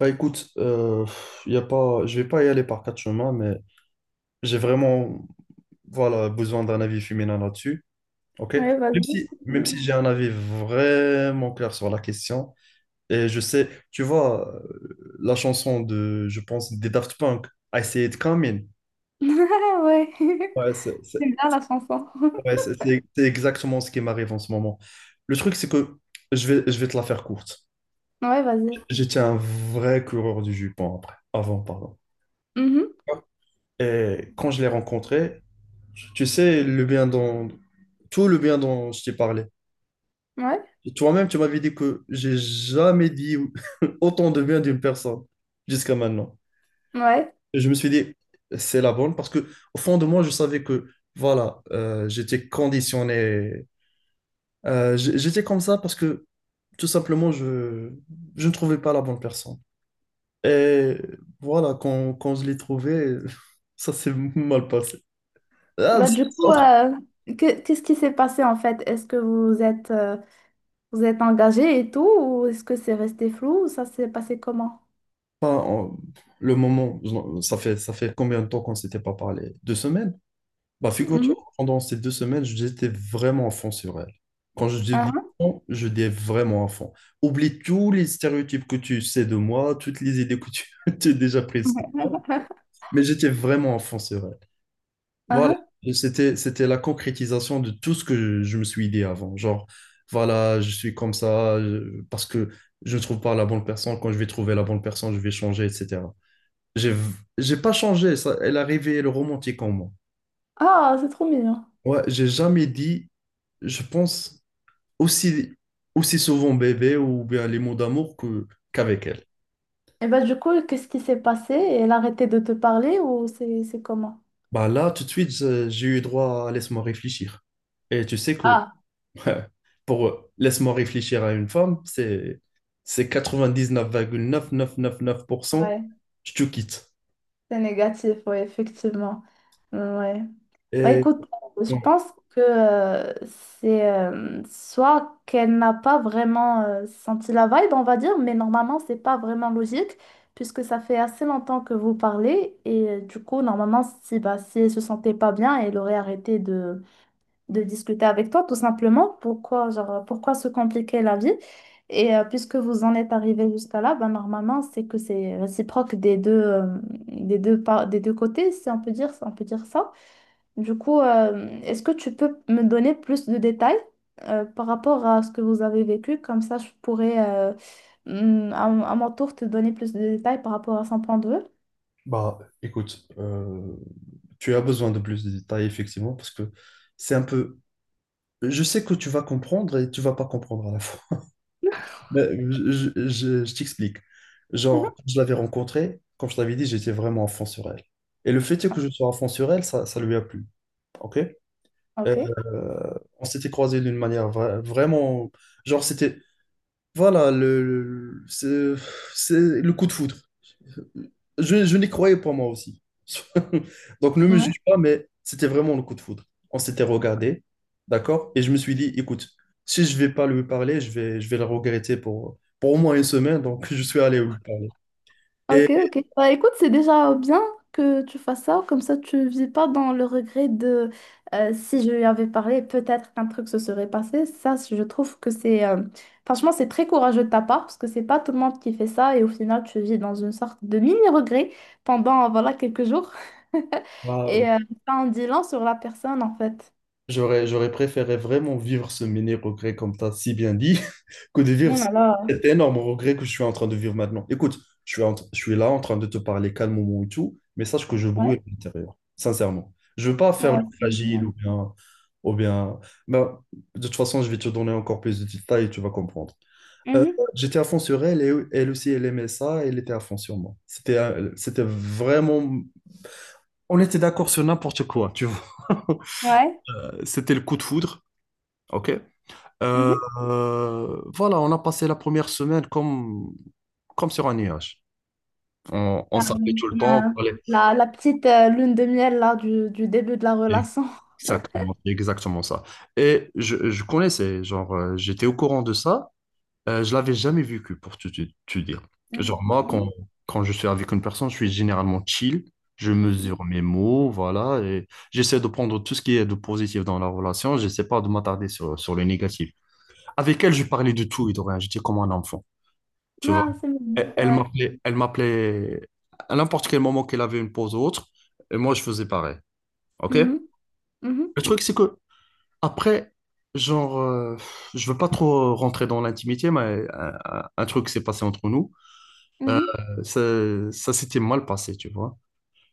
Bah écoute, y a pas, je vais pas y aller par quatre chemins, mais j'ai vraiment, voilà, besoin d'un avis féminin là-dessus. Ok. Ouais, Même vas-y. si, même Mm. si j'ai un avis vraiment clair sur la question, et je sais, tu vois, la chanson de, je pense, des Daft Punk, I See It Coming, Ah ouais. ouais, C'est bien la chanson. ouais, c'est exactement ce qui m'arrive en ce moment. Le truc, c'est que je vais te la faire courte. Ouais, vas-y. J'étais un vrai coureur du jupon après, avant, pardon. Mhm. Et quand je l'ai rencontré, tu sais, le bien dans tout le bien dont je t'ai parlé. Ouais. Toi-même, tu m'avais dit que j'ai jamais dit autant de bien d'une personne jusqu'à maintenant. Ouais. Et je me suis dit, c'est la bonne, parce que au fond de moi, je savais que voilà, j'étais conditionné. J'étais comme ça parce que tout simplement, je ne trouvais pas la bonne personne. Et voilà, quand je l'ai trouvée, ça s'est mal passé. Ah. Bah, du coup, qu'est-ce qui s'est passé en fait? Est-ce que vous êtes engagés et tout, ou est-ce que c'est resté flou, ou ça s'est passé comment? Enfin, le moment, ça fait combien de temps qu'on ne s'était pas parlé? 2 semaines? Bah, figure-toi Mhm. que pendant ces 2 semaines, j'étais vraiment à fond sur elle. Quand je dis Ah, à fond, je dis vraiment à fond. Oublie tous les stéréotypes que tu sais de moi, toutes les idées que tu tu as déjà prises de moi, ah. mais j'étais vraiment à fond sur elle. Ah, Voilà. ah. Et c'était la concrétisation de tout ce que je me suis dit avant. Genre, voilà, je suis comme ça, parce que je ne trouve pas la bonne personne. Quand je vais trouver la bonne personne, je vais changer, etc. J'ai, v- j'ai pas changé, ça, elle a réveillé le romantique en moi. Ah, c'est trop mignon. Ouais, j'ai jamais dit, je pense, aussi, aussi souvent bébé ou bien les mots d'amour qu'avec elle. Et bah, du coup, qu'est-ce qui s'est passé? Elle a arrêté de te parler ou c'est comment? Bah là, tout de suite, j'ai eu droit à laisse-moi réfléchir. Et tu sais que Ah, pour laisse-moi réfléchir à une femme, c'est 99,9999% ouais, je te quitte. c'est négatif, ouais, effectivement. Ouais. Bah, Et écoute, je non, pense que c'est soit qu'elle n'a pas vraiment senti la vibe, on va dire, mais normalement, c'est pas vraiment logique, puisque ça fait assez longtemps que vous parlez, et du coup, normalement, si, bah, si elle se sentait pas bien, elle aurait arrêté de discuter avec toi, tout simplement. Pourquoi, genre, pourquoi se compliquer la vie? Et puisque vous en êtes arrivé jusqu'à là, bah, normalement, c'est que c'est réciproque des deux, des deux côtés, si on peut dire, si on peut dire ça. Du coup, est-ce que tu peux me donner plus de détails par rapport à ce que vous avez vécu? Comme ça, je pourrais mm, à, à mon tour te donner plus de détails par rapport à son point de vue. bah écoute, tu as besoin de plus de détails, effectivement, parce que c'est un peu. Je sais que tu vas comprendre et tu vas pas comprendre à la fois. Mais je t'explique. Genre, Mhm. je l'avais rencontrée, comme je t'avais dit, j'étais vraiment à fond sur elle. Et le fait est que je sois à fond sur elle, ça lui a plu. OK? Euh, Ok. on s'était croisés d'une manière vraiment. Genre, c'était. Voilà, c'est le coup de foudre. Je n'y croyais pas moi aussi. Donc ne me Ouais. juge pas, mais c'était vraiment le coup de foudre. On s'était regardé, d'accord? Et je me suis dit, écoute, si je vais pas lui parler, je vais le regretter pour, au moins une semaine. Donc je suis allé lui parler. Et Ok, ok. Bah, écoute, c'est déjà bien que tu fasses ça, comme ça tu vis pas dans le regret de si je lui avais parlé, peut-être qu'un truc se serait passé. Ça, je trouve que c'est franchement, c'est très courageux de ta part parce que c'est pas tout le monde qui fait ça et au final, tu vis dans une sorte de mini-regret pendant voilà quelques jours. bah, Et ça en dit long sur la personne en fait. j'aurais préféré vraiment vivre ce mini regret, comme tu as si bien dit. Que de vivre Oh là là. cet énorme regret que je suis en train de vivre maintenant. Écoute, je suis là en train de te parler calmement et tout, mais sache que je Ouais. brûle à l'intérieur, sincèrement. Je veux pas Ouais. faire le C'est fragile bien. ou bien, ou bien. Ben, de toute façon, je vais te donner encore plus de détails et tu vas comprendre. Mhm. J'étais à fond sur elle et elle aussi, elle aimait ça, et elle était à fond sur moi. C'était vraiment. On était d'accord sur n'importe quoi, tu vois. Ouais. C'était le coup de foudre, ok? Euh, Mhm. Voilà, on a passé la première semaine comme, sur un nuage. On Euh, s'appelait tout le temps. Euh, la petite lune de miel là du début de la relation. Exactement, c'est exactement ça. Et je connaissais, genre, j'étais au courant de ça. Je l'avais jamais vécu, pour te dire. Genre, Mhm, moi, quand, mhm, je suis avec une personne, je suis généralement chill. Je mesure mes mots, voilà. Et j'essaie de prendre tout ce qui est de positif dans la relation. J'essaie pas de m'attarder sur le négatif. Avec elle, je parlais de tout et de rien. J'étais comme un enfant. Tu mhm. vois, Ah, c'est mignon. elle elle Ouais. m'appelait, elle m'appelait à n'importe quel moment qu'elle avait une pause ou autre, et moi je faisais pareil. OK? Mhm, mhm, Le truc, c'est que après, genre, je veux pas trop rentrer dans l'intimité, mais un truc s'est passé entre nous. Ça, ça s'était mal passé, tu vois.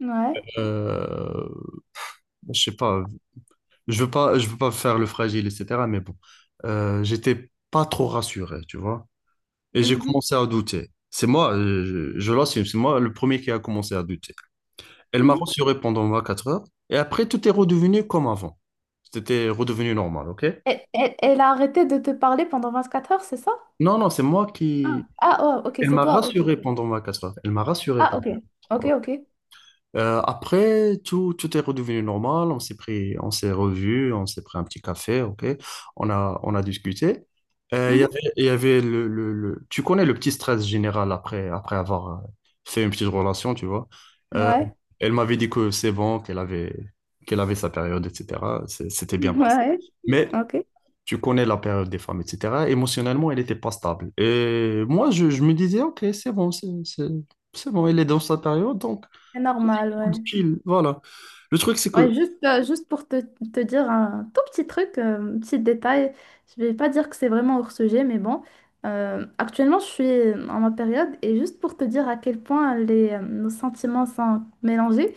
mhm. Ouais. Euh, je sais pas, je veux pas, je veux pas faire le fragile, etc. Mais bon, j'étais pas trop rassuré, tu vois. Et j'ai Mhm, commencé à douter. C'est moi, je l'assume, c'est moi le premier qui a commencé à douter. Elle m'a mhm. rassuré pendant 24 heures. Et après, tout est redevenu comme avant. C'était redevenu normal, ok? Elle a arrêté de te parler pendant 24 heures, c'est ça? Non, non, c'est moi qui... Ah, ah oh, ok, Elle c'est m'a toi, ok. rassuré pendant 24 heures. Elle m'a rassuré Ah, pendant... ok. Ok, ok. Après, tout est redevenu normal. On s'est pris, on s'est revus, on s'est pris un petit café, ok. On a discuté. Il y Mhm. avait, il y avait tu connais le petit stress général après, avoir fait une petite relation, tu vois. Euh, Ouais. Elle m'avait dit que c'est bon, qu'elle avait sa période, etc. C'était bien passé. Ouais, Mais ok. tu connais la période des femmes, etc. Émotionnellement, elle n'était pas stable. Et moi, je me disais, ok, c'est bon, c'est bon, elle est dans sa période, donc C'est normal, cool, ouais. chill, voilà. Le truc, c'est que Ouais, juste, juste pour te dire un tout petit truc, un petit détail, je vais pas dire que c'est vraiment hors sujet, mais bon, actuellement je suis en ma période et juste pour te dire à quel point les, nos sentiments sont mélangés,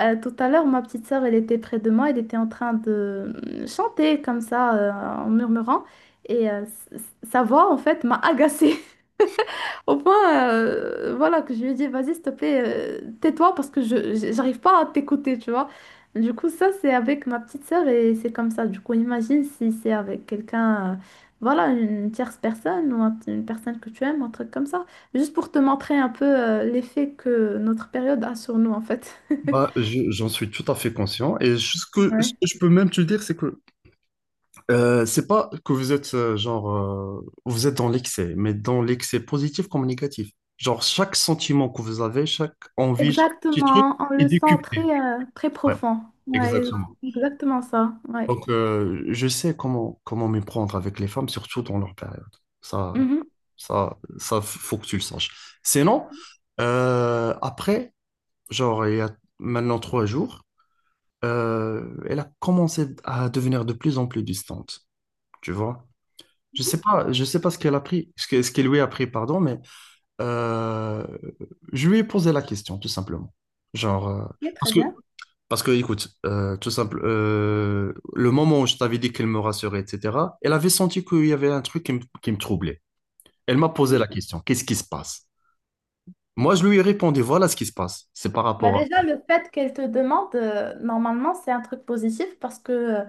tout à l'heure ma petite sœur elle était près de moi, elle était en train de chanter comme ça en murmurant et sa voix en fait m'a agacée. Au point, voilà, que je lui ai dit, vas-y, s'il te plaît, tais-toi parce que j'arrive pas à t'écouter, tu vois. Du coup, ça, c'est avec ma petite sœur et c'est comme ça. Du coup, imagine si c'est avec quelqu'un, voilà, une tierce personne ou une personne que tu aimes, un truc comme ça. Juste pour te montrer un peu, l'effet que notre période a sur nous, en fait. bah, j'en suis tout à fait conscient. Et ce que, ce Ouais. que je peux même te dire, c'est que c'est pas que vous êtes genre vous êtes dans l'excès, mais dans l'excès positif comme négatif. Genre chaque sentiment que vous avez, chaque envie, chaque petit truc Exactement, on est le sent très, décuplé. Très Ouais, profond. Ouais, exactement. exactement ça. Ouais. Donc je sais comment m'y prendre avec les femmes, surtout dans leur période. Ça, Mhm. ça, faut que tu le saches. Sinon, après. Genre, il y a maintenant 3 jours, elle a commencé à devenir de plus en plus distante, tu vois. Je sais pas ce qu'elle a pris, ce qu'elle lui a pris, pardon, mais euh, je lui ai posé la question, tout simplement. Genre, Ok, très parce que, bien. Écoute, tout simple, le moment où je t'avais dit qu'elle me rassurait, etc., elle avait senti qu'il y avait un truc qui me troublait. Elle m'a posé la question, qu'est-ce qui se passe? Moi, je lui ai répondu, voilà ce qui se passe. C'est par Bah rapport. déjà, le fait qu'elle te demande, normalement, c'est un truc positif parce que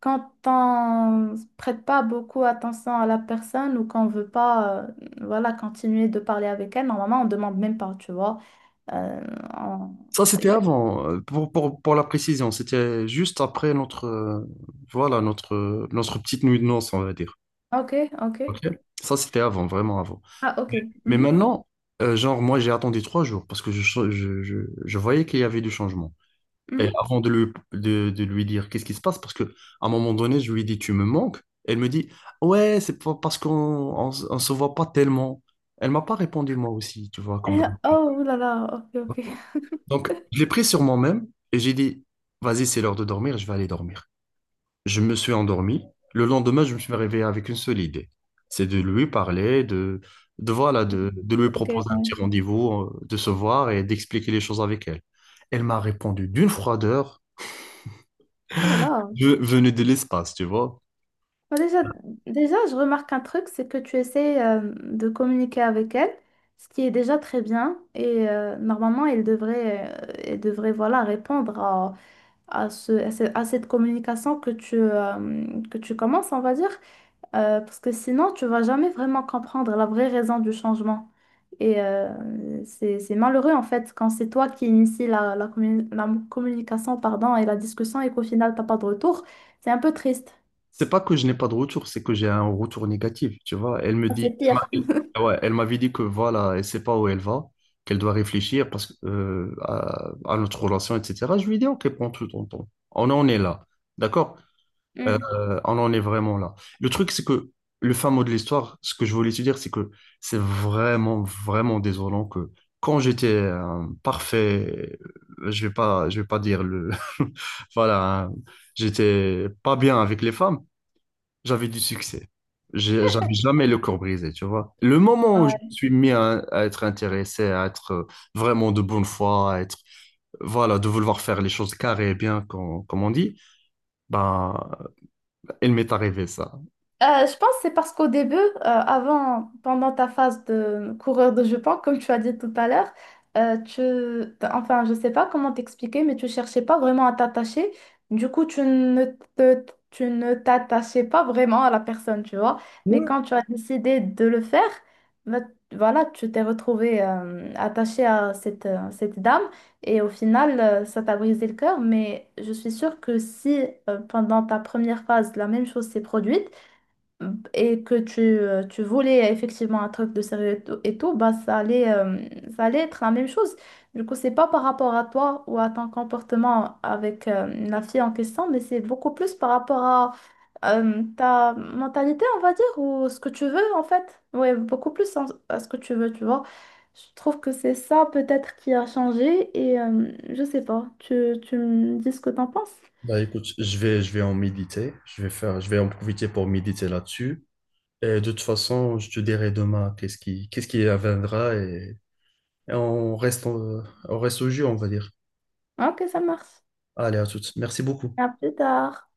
quand on prête pas beaucoup attention à la personne ou qu'on veut pas voilà, continuer de parler avec elle, normalement, on demande même pas, tu vois. Euh, on- Ça, c'était euh, avant, pour, pour la précision. C'était juste après notre, voilà, notre, notre petite nuit de noces, on va dire. Ok, ok. Ok. Ça, c'était avant, vraiment avant. Ah, ok. Mais Mhm, maintenant, genre, moi, j'ai attendu 3 jours parce que je, je, je voyais qu'il y avait du changement. Et mhm. avant de lui dire qu'est-ce qui se passe, parce que à un moment donné, je lui dis, tu me manques. Elle me dit, ouais, c'est pas parce on se voit pas tellement. Elle m'a pas répondu, moi aussi, tu vois, comme... Oh, là là, ok, ok. Donc, je l'ai pris sur moi-même et j'ai dit, vas-y, c'est l'heure de dormir, je vais aller dormir. Je me suis endormi. Le lendemain, je me suis réveillé avec une seule idée. C'est de lui parler, voilà, de, lui Ok, proposer un oh petit rendez-vous, de se voir et d'expliquer les choses avec elle. Elle m'a répondu d'une froideur là là. Venue de l'espace, tu vois. Bah, déjà, je remarque un truc, c'est que tu essaies de communiquer avec elle, ce qui est déjà très bien. Et normalement, elle devrait voilà, répondre à cette communication que tu commences, on va dire. Parce que sinon, tu vas jamais vraiment comprendre la vraie raison du changement. Et c'est malheureux, en fait, quand c'est toi qui initie la communication, pardon, et la discussion et qu'au final, t'as pas de retour. C'est un peu triste. C'est pas que je n'ai pas de retour, c'est que j'ai un retour négatif, tu vois. Elle me Ah, dit, c'est pire. elle ouais, elle m'avait dit que voilà, elle sait pas où elle va, qu'elle doit réfléchir parce que, à notre relation, etc. Je lui ai dit, ok, prends tout ton temps. On en est là, d'accord? Euh, on en est vraiment là. Le truc, c'est que le fin mot de l'histoire, ce que je voulais te dire, c'est que c'est vraiment, vraiment désolant que quand j'étais un parfait, je vais pas dire le, voilà, hein, j'étais pas bien avec les femmes. J'avais du succès. J'avais jamais le corps brisé, tu vois. Le moment où je Ouais. me suis mis à, être intéressé, à être vraiment de bonne foi, à être, voilà, de vouloir faire les choses carrées et bien, comme, on dit, ben, il m'est arrivé ça. Je pense que c'est parce qu'au début, avant, pendant ta phase de coureur de jupon, comme tu as dit tout à l'heure, enfin, je sais pas comment t'expliquer, mais tu cherchais pas vraiment à t'attacher. Du coup, te- tu ne t'attachais pas vraiment à la personne, tu vois. Mais Ouais. quand tu as décidé de le faire, ben, voilà, tu t'es retrouvé attaché à cette, cette dame et au final, ça t'a brisé le cœur. Mais je suis sûre que si pendant ta première phase, la même chose s'est produite, et que tu voulais effectivement un truc de sérieux et tout, bah, ça allait être la même chose. Du coup, c'est pas par rapport à toi ou à ton comportement avec la fille en question, mais c'est beaucoup plus par rapport à ta mentalité, on va dire, ou ce que tu veux en fait. Ouais, beaucoup plus à ce que tu veux, tu vois. Je trouve que c'est ça peut-être qui a changé et je sais pas, tu me dis ce que t'en penses. Bah écoute, je vais en méditer, je vais en profiter pour méditer là-dessus. Et de toute façon, je te dirai demain qu'est-ce qui adviendra et on on reste au jeu, on va dire. Ok, ça marche. Allez, à toutes. Merci beaucoup. À plus tard.